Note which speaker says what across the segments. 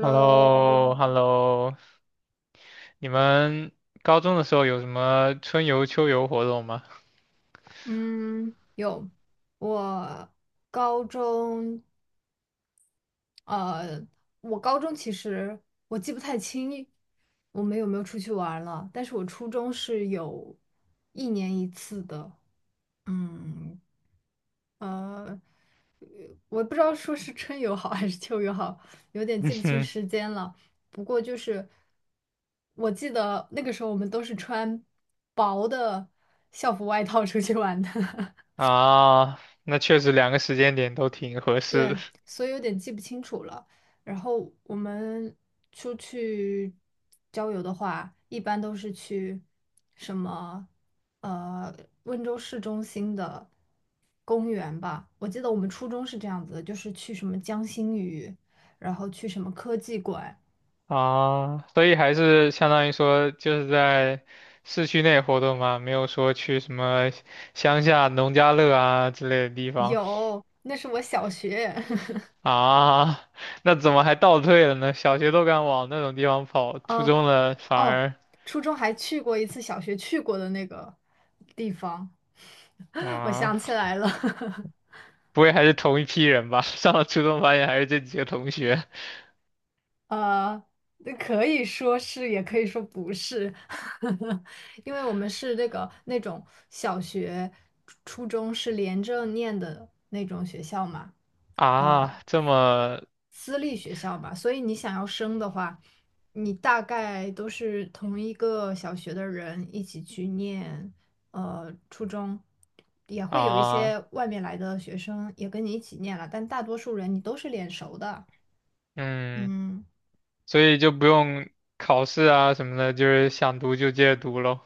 Speaker 1: h e l l o h e l l o 你们高中的时候有什么春游、秋游活动吗？
Speaker 2: 嗯，有，我高中，呃，我高中其实我记不太清我们有没有出去玩儿了，但是我初中是有一年一次的，嗯，呃，我不知道说是春游好还是秋游好，有点
Speaker 1: 嗯
Speaker 2: 记不清
Speaker 1: 哼，
Speaker 2: 时间了。不过就是我记得那个时候我们都是穿薄的校服外套出去玩的。
Speaker 1: 啊，那确实两个时间点都挺合适的。
Speaker 2: 对，所以有点记不清楚了。然后我们出去郊游的话，一般都是去什么呃温州市中心的公园吧。我记得我们初中是这样子的，就是去什么江心屿，然后去什么科技馆。
Speaker 1: 啊，所以还是相当于说就是在市区内活动嘛，没有说去什么乡下农家乐啊之类的地方。
Speaker 2: 有，那是我小学。
Speaker 1: 啊，那怎么还倒退了呢？小学都敢往那种地方跑，初
Speaker 2: 呃，
Speaker 1: 中了反
Speaker 2: 哦，
Speaker 1: 而。
Speaker 2: 初中还去过一次小学去过的那个地方，我想
Speaker 1: 啊。
Speaker 2: 起来了。
Speaker 1: 不会还是同一批人吧？上了初中发现还是这几个同学。
Speaker 2: 呃，那可以说是，也可以说不是，因为我们是那个那种小学、初中是连着念的那种学校嘛，呃，
Speaker 1: 啊，这么。
Speaker 2: 私立学校嘛，所以你想要升的话，你大概都是同一个小学的人一起去念，初中，也会有一
Speaker 1: 啊，
Speaker 2: 些外面来的学生也跟你一起念了，但大多数人你都是脸熟的，
Speaker 1: 嗯，
Speaker 2: 嗯。
Speaker 1: 所以就不用考试啊什么的，就是想读就接着读喽。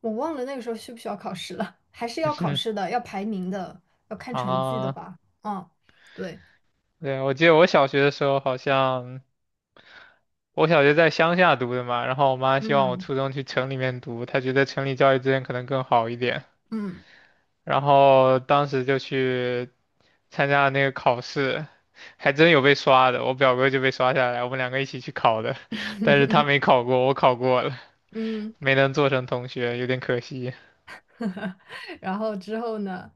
Speaker 2: 我忘了那个时候需不需要考试了，还是要考试 的，要排名的，要看成绩的
Speaker 1: 啊，
Speaker 2: 吧？嗯，对，
Speaker 1: 对，我记得我小学的时候好像，我小学在乡下读的嘛，然后我妈希望我
Speaker 2: 嗯
Speaker 1: 初中去城里面读，她觉得城里教育资源可能更好一点，
Speaker 2: 嗯
Speaker 1: 然后当时就去参加了那个考试，还真有被刷的。我表哥就被刷下来，我们两个一起去考的，但是 他没考过，我考过了，
Speaker 2: 嗯，
Speaker 1: 没能做成同学，有点可惜。
Speaker 2: 然后之后呢？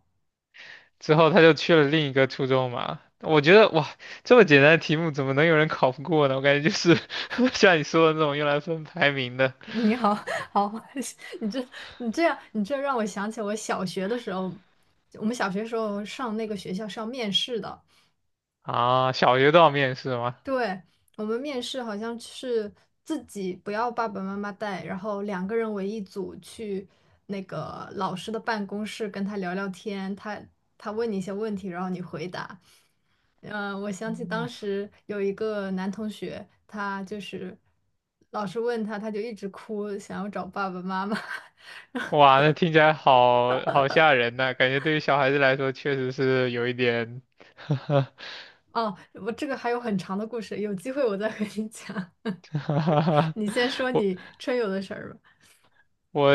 Speaker 1: 之后他就去了另一个初中嘛。我觉得哇，这么简单的题目怎么能有人考不过呢？我感觉就是 像你说的那种用来分排名的。
Speaker 2: 你好，好，你这你这让我想起我小学的时候，我们小学时候上那个学校是要面试的，
Speaker 1: 啊。小学都要面试吗？
Speaker 2: 对，我们面试好像是自己不要爸爸妈妈带，然后两个人为一组去那个老师的办公室跟他聊聊天，他问你一些问题，然后你回答。嗯，我想起当时有一个男同学，他就是老师问他，他就一直哭，想要找爸爸妈妈。
Speaker 1: 哇，那听起来好好吓人呐、感觉对于小孩子来说确实是有一点。
Speaker 2: 哦，我这个还有很长的故事，有机会我再和你讲。你先说
Speaker 1: 我
Speaker 2: 你春游的事儿吧。
Speaker 1: 我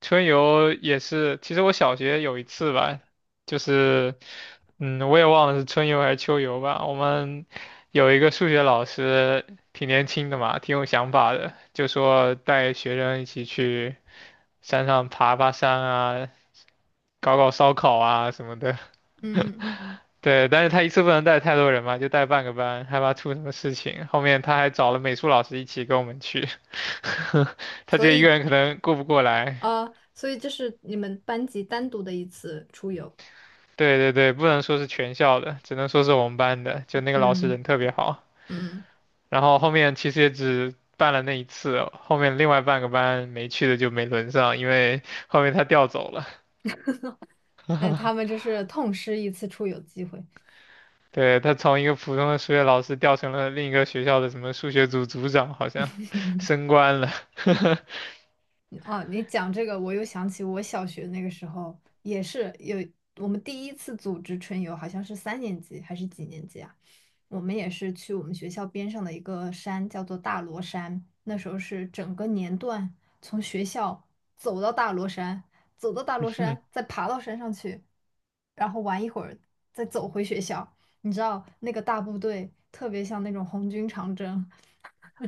Speaker 1: 春游也是，其实我小学有一次吧，就是，嗯，我也忘了是春游还是秋游吧。我们有一个数学老师，挺年轻的嘛，挺有想法的，就说带学生一起去山上爬爬山啊，搞搞烧烤啊什么的。
Speaker 2: 嗯，
Speaker 1: 对，但是他一次不能带太多人嘛，就带半个班，害怕出什么事情。后面他还找了美术老师一起跟我们去，他
Speaker 2: 所
Speaker 1: 觉得一个
Speaker 2: 以
Speaker 1: 人可能顾不过来。
Speaker 2: 所以这是你们班级单独的一次出游。
Speaker 1: 对对对，不能说是全校的，只能说是我们班的，就那个老师
Speaker 2: 嗯
Speaker 1: 人特别好。
Speaker 2: 嗯，
Speaker 1: 然后后面其实也只办了那一次哦，后面另外半个班没去的就没轮上，因为 后面他调走了。
Speaker 2: 那他们这是痛失一次出游机会。
Speaker 1: 对，他从一个普通的数学老师调成了另一个学校的什么数学组组长，好像升官了。
Speaker 2: 哦，你讲这个，我又想起我小学那个时候也是有我们第一次组织春游，好像是三年级还是几年级啊？我们也是去我们学校边上的一个山，叫做大罗山。那时候是整个年段从学校走到大罗山，走到大罗 山，再爬到山上去，然后玩一会儿，再走回学校。你知道那个大部队特别像那种红军长征，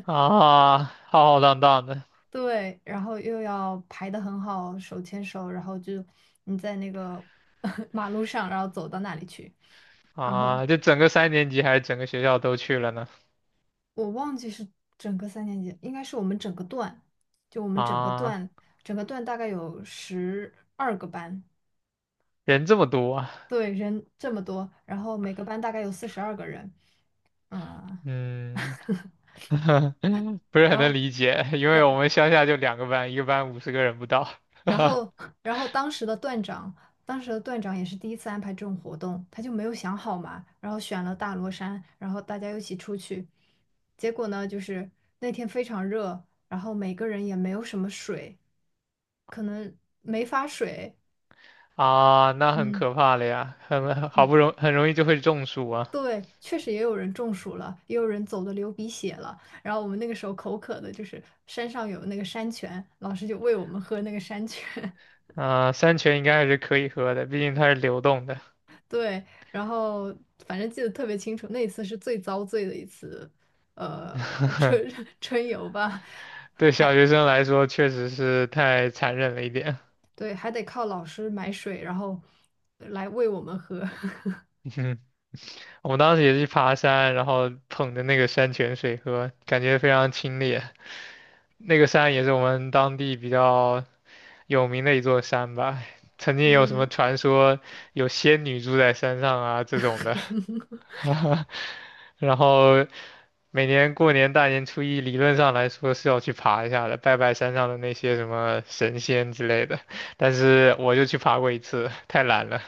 Speaker 1: 啊，浩浩荡荡的。
Speaker 2: 对，然后又要排得很好，手牵手，然后就你在那个 马路上，然后走到那里去。然后
Speaker 1: 啊，就整个三年级还是整个学校都去了呢？
Speaker 2: 我忘记是整个三年级，应该是我们整个段，就我们整个
Speaker 1: 啊，
Speaker 2: 段，整个段大概有12个班，
Speaker 1: 人这么多啊，
Speaker 2: 对，人这么多，然后每个班大概有42个人，嗯，
Speaker 1: 嗯，不是很
Speaker 2: 然
Speaker 1: 能
Speaker 2: 后。
Speaker 1: 理解，因为我们乡下就两个班，一个班50个人不到，
Speaker 2: 然 后，然后当时的段长也是第一次安排这种活动，他就没有想好嘛，然后选了大罗山，然后大家一起出去，结果呢，就是那天非常热，然后每个人也没有什么水，可能没发水，
Speaker 1: 啊，那很
Speaker 2: 嗯
Speaker 1: 可怕了呀，很好
Speaker 2: 嗯，
Speaker 1: 不容很容易就会中暑啊。
Speaker 2: 对，确实也有人中暑了，也有人走的流鼻血了，然后我们那个时候口渴的，就是山上有那个山泉，老师就喂我们喝那个山泉，
Speaker 1: 啊、山泉应该还是可以喝的，毕竟它是流动的。
Speaker 2: 对，然后反正记得特别清楚，那一次是最遭罪的一次，呃，春 春游吧，
Speaker 1: 对小学生来说，确实是太残忍了一点。
Speaker 2: 对，还得靠老师买水，然后来喂我们喝。
Speaker 1: 嗯，我们当时也是爬山，然后捧着那个山泉水喝，感觉非常清冽。那个山也是我们当地比较有名的一座山吧，曾经有什么
Speaker 2: 嗯，
Speaker 1: 传说有仙女住在山上啊这种的，然后每年过年大年初一，理论上来说是要去爬一下的，拜拜山上的那些什么神仙之类的，但是我就去爬过一次，太懒了。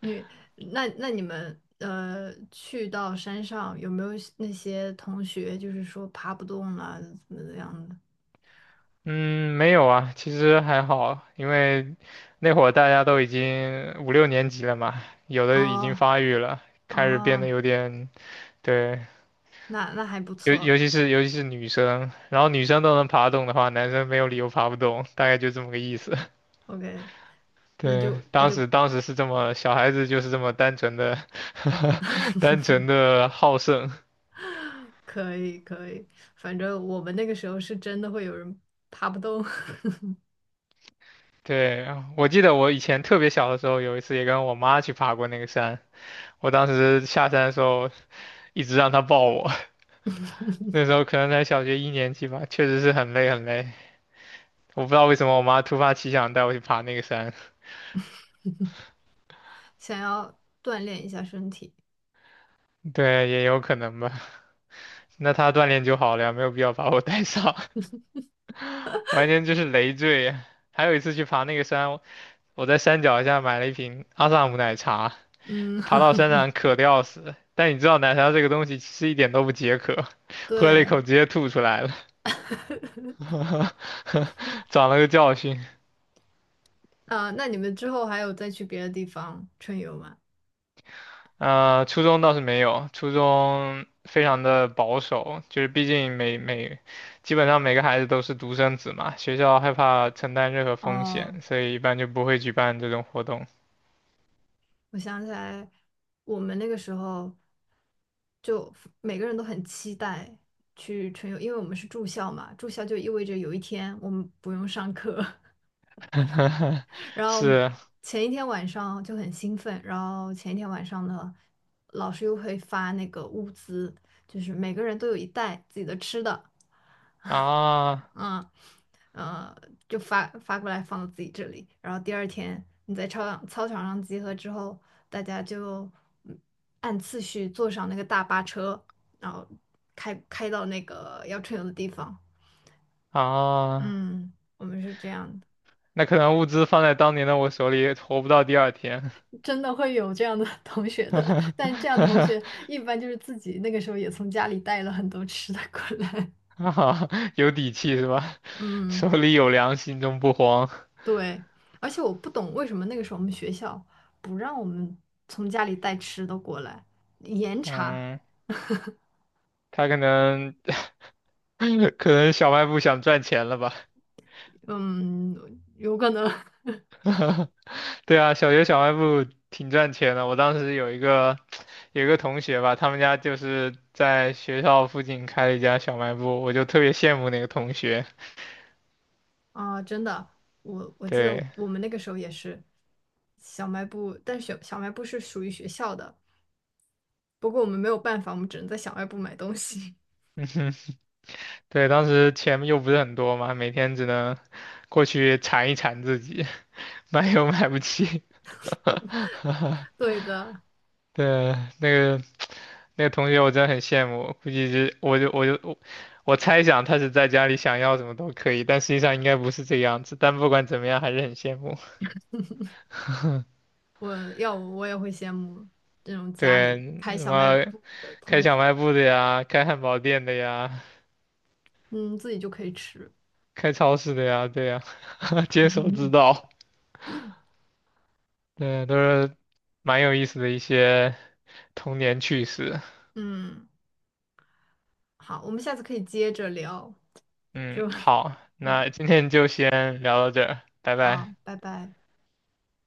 Speaker 2: 你那那你们呃去到山上有没有那些同学就是说爬不动了怎么样的？
Speaker 1: 嗯，没有啊，其实还好，因为那会儿大家都已经五六年级了嘛，有的已经
Speaker 2: 哦
Speaker 1: 发育了，开始变得
Speaker 2: 哦，
Speaker 1: 有点，对，
Speaker 2: 那还不
Speaker 1: 尤
Speaker 2: 错
Speaker 1: 尤其是尤其是女生，然后女生都能爬动的话，男生没有理由爬不动，大概就这么个意思。
Speaker 2: ，OK，那
Speaker 1: 对，
Speaker 2: 就那
Speaker 1: 当
Speaker 2: 就
Speaker 1: 时当时是这么，小孩子就是这么单纯的，单纯的好胜。
Speaker 2: 可以可以，反正我们那个时候是真的会有人爬不动，
Speaker 1: 对，我记得我以前特别小的时候，有一次也跟我妈去爬过那个山，我当时下山的时候一直让她抱我。那时候可能才小学一年级吧，确实是很累很累。我不知道为什么我妈突发奇想带我去爬那个山，
Speaker 2: 想要锻炼一下身体。
Speaker 1: 对，也有可能吧。那她锻炼就好了呀，没有必要把我带上，完全就是累赘。还有一次去爬那个山，我在山脚下买了一瓶阿萨姆奶茶，
Speaker 2: 嗯，
Speaker 1: 爬到山上 渴得要死。但你知道奶茶这个东西其实一点都不解渴，喝了一
Speaker 2: 对，
Speaker 1: 口直接吐出来了，长了个教训。
Speaker 2: 啊，那你们之后还有再去别的地方春游吗？
Speaker 1: 初中倒是没有，初中非常的保守，就是毕竟基本上每个孩子都是独生子嘛，学校害怕承担任何风
Speaker 2: 哦，
Speaker 1: 险，所以一般就不会举办这种活动。
Speaker 2: 我想起来，我们那个时候就每个人都很期待去春游，因为我们是住校嘛，住校就意味着有一天我们不用上课，然后
Speaker 1: 是
Speaker 2: 前一天晚上就很兴奋，然后前一天晚上呢，老师又会发那个物资，就是每个人都有一袋自己的吃的，
Speaker 1: 啊。
Speaker 2: 嗯，呃，就发过来放到自己这里。然后第二天你在操场上集合之后，大家就嗯按次序坐上那个大巴车，然后开到那个要春游的地方。
Speaker 1: 啊，
Speaker 2: 嗯，我们是这样的。
Speaker 1: 那可能物资放在当年的我手里，活不到第二天。
Speaker 2: 真的会有这样的 同学的，但这样同学 一般就是自己那个时候也从家里带了很多吃的过来。
Speaker 1: 啊，有底气是吧？
Speaker 2: 嗯，
Speaker 1: 手里有粮，心中不慌。
Speaker 2: 对，而且我不懂为什么那个时候我们学校不让我们从家里带吃的过来，严查。
Speaker 1: 嗯。他可能 可能小卖部想赚钱了吧？
Speaker 2: 嗯，有可能
Speaker 1: 对啊，小学小卖部挺赚钱的。我当时有一个 有一个同学吧，他们家就是在学校附近开了一家小卖部，我就特别羡慕那个同学。
Speaker 2: 啊，真的，我记得
Speaker 1: 对
Speaker 2: 我们那个时候也是小卖部，但小卖部是属于学校的，不过我们没有办法，我们只能在小卖部买东西。
Speaker 1: 对，当时钱又不是很多嘛，每天只能过去馋一馋自己，买又买不起。
Speaker 2: 对的。
Speaker 1: 对，那个那个同学我真的很羡慕，估计是我就我就我我猜想他是在家里想要什么都可以，但实际上应该不是这个样子。但不管怎么样，还是很羡慕。
Speaker 2: 我要我我也会羡慕这种家
Speaker 1: 对，
Speaker 2: 里开
Speaker 1: 什
Speaker 2: 小卖
Speaker 1: 么
Speaker 2: 部的
Speaker 1: 开
Speaker 2: 同
Speaker 1: 小
Speaker 2: 学，
Speaker 1: 卖部的呀，开汉堡店的呀，
Speaker 2: 嗯，自己就可以吃。
Speaker 1: 开超市的呀，对呀，坚守之 道，对，都是蛮有意思的一些童年趣事。
Speaker 2: 嗯，好，我们下次可以接着聊，
Speaker 1: 嗯，
Speaker 2: 就
Speaker 1: 好，
Speaker 2: 嗯，
Speaker 1: 那今天就先聊到这儿，拜拜。
Speaker 2: 好，拜拜。